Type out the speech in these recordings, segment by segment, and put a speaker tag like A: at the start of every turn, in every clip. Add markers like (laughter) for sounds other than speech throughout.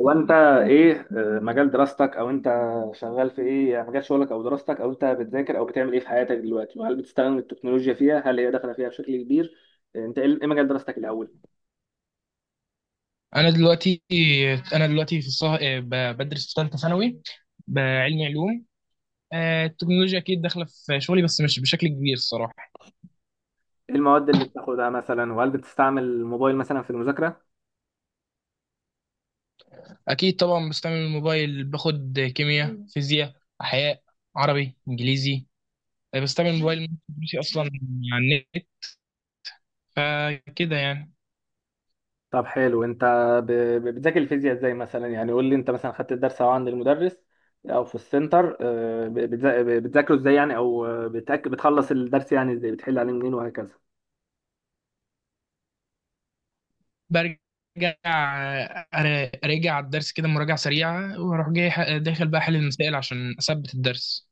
A: هو انت ايه مجال دراستك او انت شغال في ايه؟ يعني مجال شغلك او دراستك او انت بتذاكر او بتعمل ايه في حياتك دلوقتي؟ وهل بتستخدم التكنولوجيا فيها، هل هي داخله فيها بشكل كبير؟ انت إيه مجال دراستك الاول؟
B: انا دلوقتي انا دلوقتي في بدرس في ثالثه ثانوي، بعلمي علوم. التكنولوجيا اكيد داخله في شغلي، بس مش بشكل كبير الصراحه.
A: ايه المواد اللي بتاخدها مثلا، وهل بتستعمل الموبايل مثلا في المذاكره؟
B: اكيد طبعا بستعمل الموبايل، باخد كيمياء، فيزياء، احياء، عربي، انجليزي. بستعمل الموبايل من دروسي اصلا، على النت، فكده يعني.
A: طب حلو. انت ب- بتذاكر الفيزياء ازاي مثلا؟ يعني قول لي، انت مثلا خدت الدرس او عند المدرس او في السنتر، بتذاكره ازاي يعني، او بتخلص الدرس يعني ازاي؟ بتحل عليه منين وهكذا.
B: برجع اراجع الدرس كده مراجعه سريعه، واروح جاي داخل بقى احل المسائل عشان اثبت الدرس.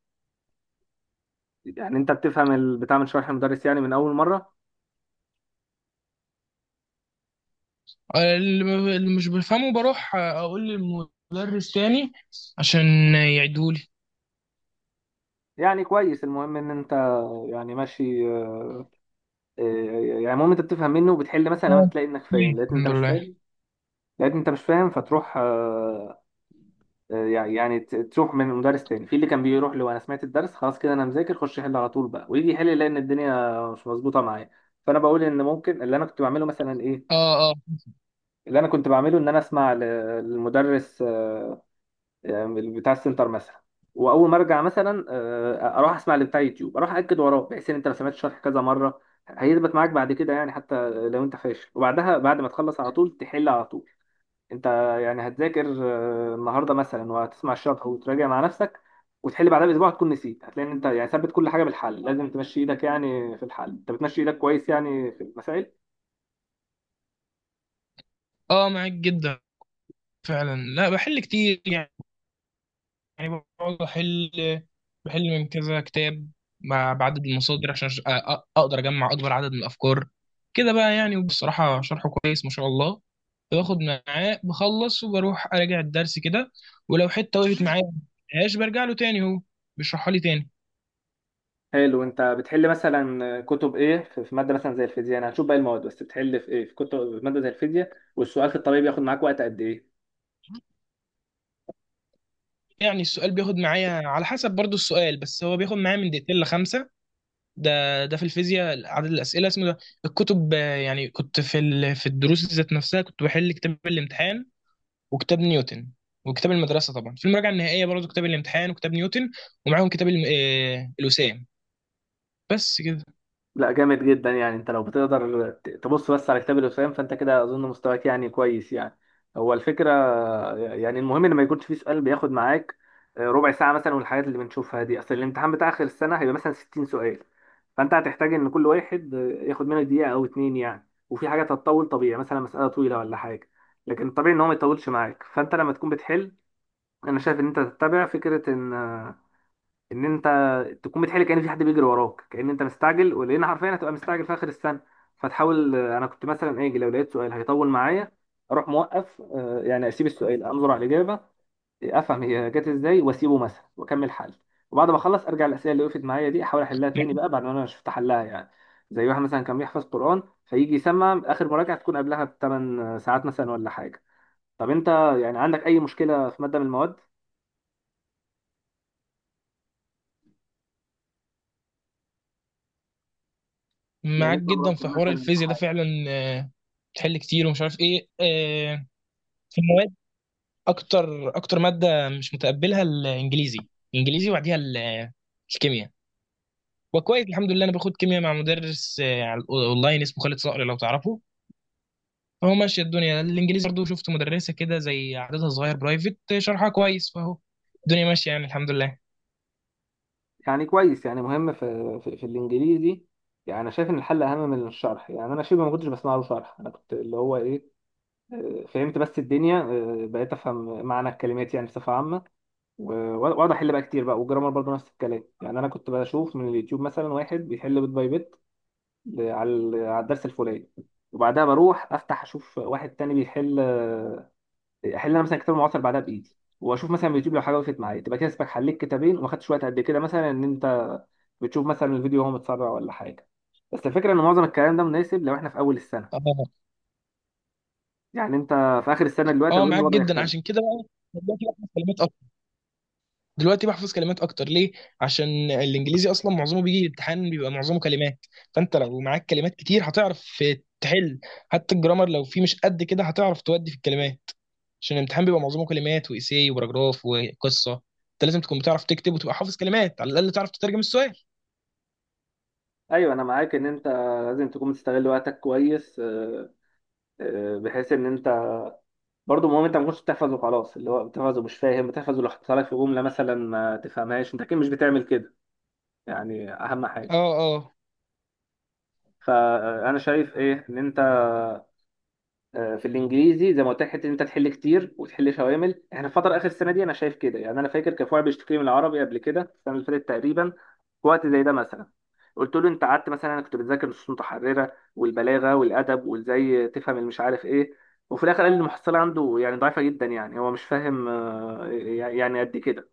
A: يعني انت بتفهم بتعمل شرح المدرس يعني من اول مره؟
B: اللي مش بفهمه بروح اقول للمدرس تاني عشان يعيدهولي.
A: يعني كويس، المهم ان انت يعني ماشي. آه، يعني المهم انت بتفهم منه وبتحل مثلا، لما
B: اه،
A: تلاقي انك فاهم لقيت إن انت
B: الحمد
A: مش
B: لله.
A: فاهم، فتروح يعني، يعني تروح من مدرس تاني. في اللي كان بيروح له، انا سمعت الدرس خلاص كده، انا مذاكر، خش يحل على طول بقى، ويجي يحل يلاقي ان الدنيا مش مظبوطه معايا. فانا بقول ان ممكن اللي انا كنت بعمله مثلا ايه.
B: اه، اه.
A: اللي انا كنت بعمله ان انا اسمع للمدرس يعني بتاع السنتر مثلا، واول ما ارجع مثلا اروح اسمع اللي بتاع يوتيوب، اروح اكد وراه، بحيث ان انت لو سمعت الشرح كذا مره هيثبت معاك بعد كده، يعني حتى لو انت فاشل. وبعدها بعد ما تخلص على طول تحل على طول. انت يعني هتذاكر النهارده مثلا، وهتسمع الشرح وتراجع مع نفسك، وتحل بعدها باسبوع هتكون نسيت. هتلاقي ان انت يعني ثبت كل حاجه بالحل، لازم تمشي ايدك يعني في الحل، انت بتمشي ايدك كويس يعني في المسائل.
B: اه، معاك جدا فعلا. لا بحل كتير يعني، بقعد احل، بحل من كذا كتاب بعدد المصادر عشان اقدر اجمع اكبر عدد من الافكار كده بقى يعني. وبصراحة شرحه كويس ما شاء الله. باخد معاه بخلص وبروح اراجع الدرس كده، ولو حتة وقفت معايا مش برجع له تاني، هو بيشرحها لي تاني.
A: حلو، انت بتحل مثلا كتب ايه في ماده مثلا زي الفيزياء؟ انا هشوف باقي المواد، بس بتحل في ايه؟ في كتب في ماده زي الفيزياء، والسؤال في الطبيعي بياخد معاك وقت قد ايه؟
B: يعني السؤال بياخد معايا على حسب برضو السؤال، بس هو بياخد معايا من 2 لـ 5. ده في الفيزياء عدد الأسئلة اسمه ده. الكتب، يعني كنت في في الدروس ذات نفسها كنت بحل كتاب الامتحان وكتاب نيوتن وكتاب المدرسة. طبعا في المراجعة النهائية برضو كتاب الامتحان وكتاب نيوتن، ومعاهم كتاب الم... آه، الوسام، بس كده.
A: لا جامد جدا، يعني انت لو بتقدر تبص بس على كتاب الوسام، فانت كده اظن مستواك يعني كويس يعني. هو الفكره يعني المهم ان ما يكونش فيه سؤال بياخد معاك ربع ساعه مثلا، والحاجات اللي بنشوفها دي، اصل الامتحان بتاع اخر السنه هيبقى مثلا 60 سؤال، فانت هتحتاج ان كل واحد ياخد منك دقيقه او اتنين يعني، وفي حاجات هتطول طبيعي، مثلا مساله طويله ولا حاجه. لكن طبيعي ان هو ما يطولش معاك، فانت لما تكون بتحل، انا شايف ان انت تتبع فكره ان انت تكون بتحل كأن في حد بيجري وراك، كأن انت مستعجل، ولان حرفيا هتبقى مستعجل في اخر السنه. فتحاول، انا كنت مثلا اجي لو لقيت سؤال هيطول معايا، اروح موقف يعني اسيب السؤال، انظر على الاجابه، افهم هي جت ازاي، واسيبه مثلا واكمل حل. وبعد ما اخلص ارجع الاسئله اللي وقفت معايا دي، احاول احلها تاني بقى بعد ما انا شفت حلها يعني. زي واحد مثلا كان بيحفظ قران فيجي يسمع اخر مراجعه تكون قبلها بـ8 ساعات مثلا ولا حاجه. طب انت يعني عندك اي مشكله في ماده من المواد؟ يعني
B: معاك
A: انت
B: جدا في
A: مراكم
B: حوار
A: مثلا؟
B: الفيزياء ده فعلا، بتحل كتير، ومش عارف ايه في المواد. اكتر اكتر مادة مش متقبلها الانجليزي. الانجليزي وبعديها الكيمياء. وكويس الحمد لله، انا باخد كيمياء مع مدرس على اونلاين اسمه خالد صقر، لو تعرفه، فهو ماشيه الدنيا. الانجليزي برضه شفت مدرسه كده زي عددها صغير برايفت، شرحها كويس، فهو الدنيا ماشيه يعني، الحمد لله.
A: يعني كويس، يعني مهم في في الانجليزي. يعني انا شايف ان الحل اهم من الشرح، يعني انا شبه ما كنتش بسمع له شرح، انا كنت اللي هو ايه، فهمت بس الدنيا، بقيت افهم معنى الكلمات يعني بصفه عامه، واقعد احل بقى كتير بقى. والجرامر برضه نفس الكلام، يعني انا كنت بشوف من اليوتيوب مثلا واحد بيحل بيت باي بيت على الدرس الفلاني، وبعدها بروح افتح اشوف واحد تاني بيحل، احل انا مثلا كتاب معاصر بعدها بايدي، واشوف مثلا فيديو لو حاجه وقفت معايا، تبقى كده اسمك حليت كتابين وما خدتش وقت قد كده مثلا. ان انت بتشوف مثلا الفيديو وهو متسرع ولا حاجه. بس الفكره ان معظم الكلام ده مناسب لو احنا في اول السنه،
B: اه،
A: يعني انت في اخر السنه دلوقتي
B: اه،
A: اظن
B: معاك
A: الوضع
B: جدا.
A: يختلف.
B: عشان كده بقى دلوقتي بحفظ كلمات اكتر، دلوقتي بحفظ كلمات اكتر ليه؟ عشان الانجليزي اصلا معظمه بيجي امتحان بيبقى معظمه كلمات، فانت لو معاك كلمات كتير هتعرف تحل. حتى الجرامر لو فيه مش قد كده هتعرف تودي في الكلمات، عشان الامتحان بيبقى معظمه كلمات وإيساي وبراجراف وقصة. انت لازم تكون بتعرف تكتب وتبقى حافظ كلمات، على الأقل تعرف تترجم السؤال.
A: ايوه انا معاك، ان انت لازم تكون بتستغل وقتك كويس، بحيث ان انت برضه. المهم انت ما كنتش بتحفظ وخلاص، اللي هو بتحفظ ومش فاهم، بتحفظ ولو حصل لك في جمله مثلا ما تفهمهاش، انت اكيد مش بتعمل كده، يعني اهم
B: اه،
A: حاجه.
B: اه،
A: فانا شايف ايه، ان انت في الانجليزي زي ما قلت لك، حته إن انت تحل كتير وتحل شوامل، احنا الفتره اخر السنه دي انا شايف كده يعني. انا فاكر كان في واحد بيشتكي من العربي قبل كده، السنه اللي فاتت تقريبا، في وقت زي ده مثلا، قلت له انت قعدت مثلا، انا كنت بتذاكر نصوص متحرره والبلاغه والادب، وازاي تفهم المش عارف ايه، وفي الاخر قال لي المحصله عنده يعني ضعيفه جدا، يعني هو مش فاهم يعني قد كده.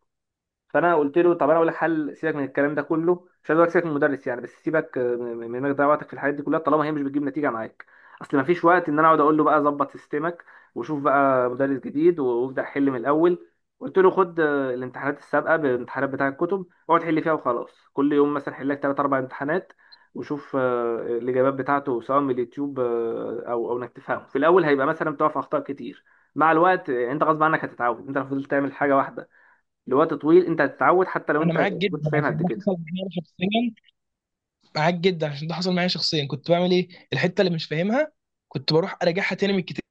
A: فانا قلت له طب انا اقول لك حل، سيبك من الكلام ده كله، مش عايز اقول لك سيبك من المدرس يعني، بس سيبك من انك تضيع وقتك في الحاجات دي كلها، طالما هي مش بتجيب نتيجه معاك. اصل ما فيش وقت ان انا اقعد اقول له بقى ظبط سيستمك، وشوف بقى مدرس جديد، وابدا حل من الاول. قلت له خد الامتحانات السابقه بالامتحانات بتاع الكتب، اقعد حل فيها وخلاص، كل يوم مثلا حل لك 3 4 امتحانات، وشوف الاجابات بتاعته سواء من اليوتيوب، او انك تفهمه. في الاول هيبقى مثلا بتقع في اخطاء كتير، مع الوقت انت غصب عنك هتتعود. انت لو فضلت تعمل حاجه واحده لوقت طويل انت هتتعود، حتى لو
B: انا
A: انت
B: معاك
A: ما
B: جدا
A: كنتش فاهم
B: عشان
A: قد
B: ده
A: كده.
B: حصل معايا شخصيا. معاك جدا عشان ده حصل معايا شخصيا. كنت بعمل ايه؟ الحته اللي مش فاهمها كنت بروح اراجعها تاني من الكتاب،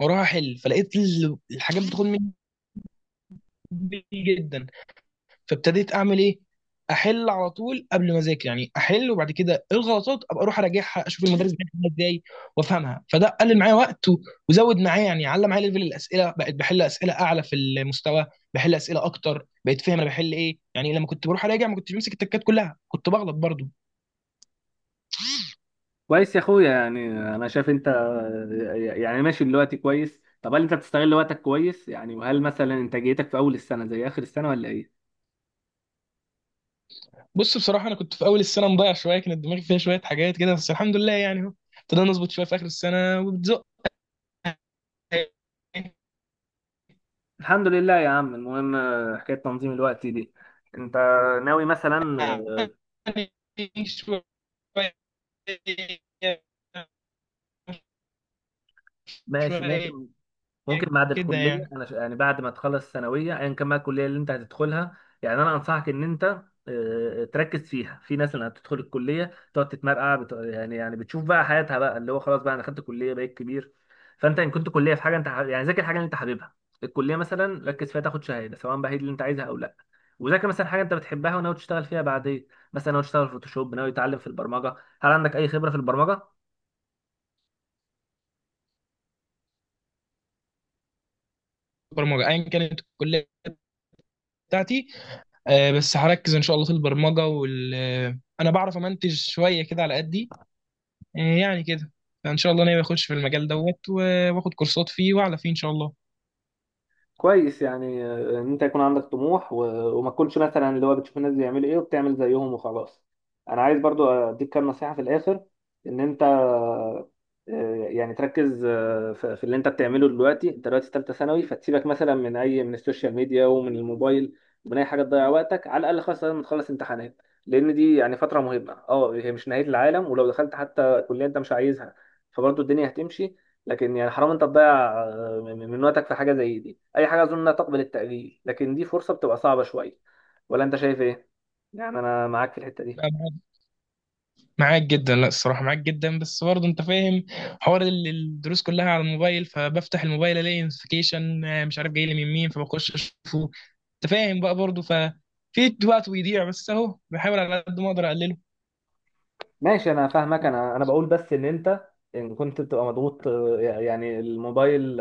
B: واروح احل، فلقيت الحاجات بتاخد مني كتير جدا. فابتديت اعمل ايه؟ احل على طول قبل ما اذاكر، يعني احل، وبعد كده الغلطات ابقى اروح اراجعها، اشوف المدرس بيحلها ازاي وافهمها. فده قلل معايا وقت وزود معايا يعني، علم معايا، ليفل الاسئله بقيت بحل اسئله اعلى في المستوى، بحل اسئله اكتر، بقيت فاهم انا بحل ايه، يعني لما كنت بروح اراجع ما كنتش بمسك التكات كلها، كنت بغلط برضو.
A: كويس يا اخويا، يعني انا شايف انت يعني ماشي دلوقتي كويس. طب هل انت بتستغل وقتك كويس يعني؟ وهل مثلا انتاجيتك في اول السنه زي اخر السنه ولا ايه؟
B: بص بصراحه انا كنت في اول السنه مضيع شويه، كانت دماغي فيها شويه حاجات كده، بس الحمد لله يعني، اهو ابتدينا نظبط شويه في اخر السنه وبتزق.
A: الحمد لله يا عم. المهم حكايه تنظيم الوقت دي، انت ناوي مثلا
B: يعني شويه.
A: ماشي
B: شوية
A: ممكن. ممكن بعد
B: كده
A: الكليه،
B: يعني.
A: انا يعني بعد ما تخلص الثانويه ايا كان بقى الكليه اللي انت هتدخلها، يعني انا انصحك ان انت تركز فيها. في ناس اللي هتدخل الكليه تقعد تتمرقع يعني، يعني بتشوف بقى حياتها بقى، اللي هو خلاص بقى انا خدت كليه بقيت كبير. فانت ان كنت كليه في حاجه انت يعني ذاكر حاجه اللي انت حاببها. الكليه مثلا ركز فيها تاخد شهاده، سواء بقى هي دي اللي انت عايزها او لا، وذاكر مثلا حاجه انت بتحبها وناوي تشتغل فيها بعدين، مثلا ناوي تشتغل فوتوشوب، ناوي تتعلم في البرمجه. هل عندك اي خبره في البرمجه؟
B: برمجة أيا كانت الكلية بتاعتي، بس هركز إن شاء الله في البرمجة، وال آه، أنا بعرف أمنتج شوية كده على قدي. يعني كده. فإن شاء الله ناوي أخش في المجال دوت وآخد كورسات فيه وأعلى فيه إن شاء الله.
A: كويس يعني، ان انت يكون عندك طموح، و... وما تكونش مثلا اللي هو بتشوف الناس بيعملوا ايه وبتعمل زيهم وخلاص. انا عايز برضو اديك كام نصيحة في الاخر، ان انت يعني تركز في اللي انت بتعمله دلوقتي. انت دلوقتي ثالثة ثانوي، فتسيبك مثلا من اي من السوشيال ميديا ومن الموبايل، ومن اي حاجة تضيع وقتك على الاقل خالص لما تخلص امتحانات، لان دي يعني فترة مهمة. اه هي مش نهاية العالم، ولو دخلت حتى كلية انت مش عايزها فبرضو الدنيا هتمشي، لكن يعني حرام انت تضيع من وقتك في حاجه زي دي. اي حاجه اظن انها تقبل التاجيل، لكن دي فرصه بتبقى صعبه شويه. ولا انت شايف ايه؟ يعني انا معاك في الحته دي.
B: معاك جدا. لا الصراحة معاك جدا، بس برضه انت فاهم حوار الدروس كلها على الموبايل، فبفتح الموبايل الاقي نوتيفيكيشن مش عارف جاي لي من مين، فبخش اشوفه. انت فاهم بقى برضه، ففي وقت بيضيع، بس اهو بحاول على قد ما اقدر اقلله.
A: ماشي انا فاهمك، انا بقول بس ان انت، ان كنت بتبقى مضغوط يعني، الموبايل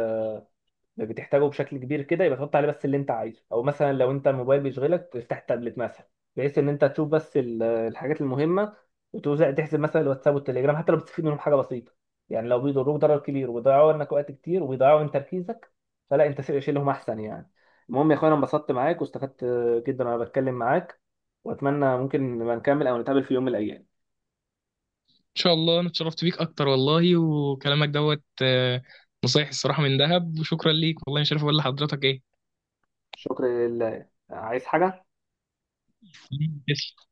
A: بتحتاجه بشكل كبير كده، يبقى تحط عليه بس اللي انت عايزه، او مثلا لو انت الموبايل بيشغلك تفتح التابلت مثلا، بحيث ان انت تشوف بس الحاجات المهمه، وتوزع تحسب مثلا الواتساب والتليجرام. حتى لو بتستفيد منهم حاجه بسيطه، يعني لو بيضروك ضرر كبير وبيضيعوا منك وقت كتير وبيضيعوا من تركيزك، فلا انت شيلهم احسن يعني. المهم يا اخويا، انا انبسطت معاك واستفدت جدا وانا بتكلم معاك، واتمنى ممكن نبقى نكمل او نتقابل في يوم من الايام.
B: ان شاء الله، انا اتشرفت بيك اكتر والله، وكلامك دوت نصايح الصراحة من ذهب، وشكرا ليك والله، مش عارف اقول لحضرتك ايه.
A: شكرا لله. عايز حاجه؟
B: (laughs)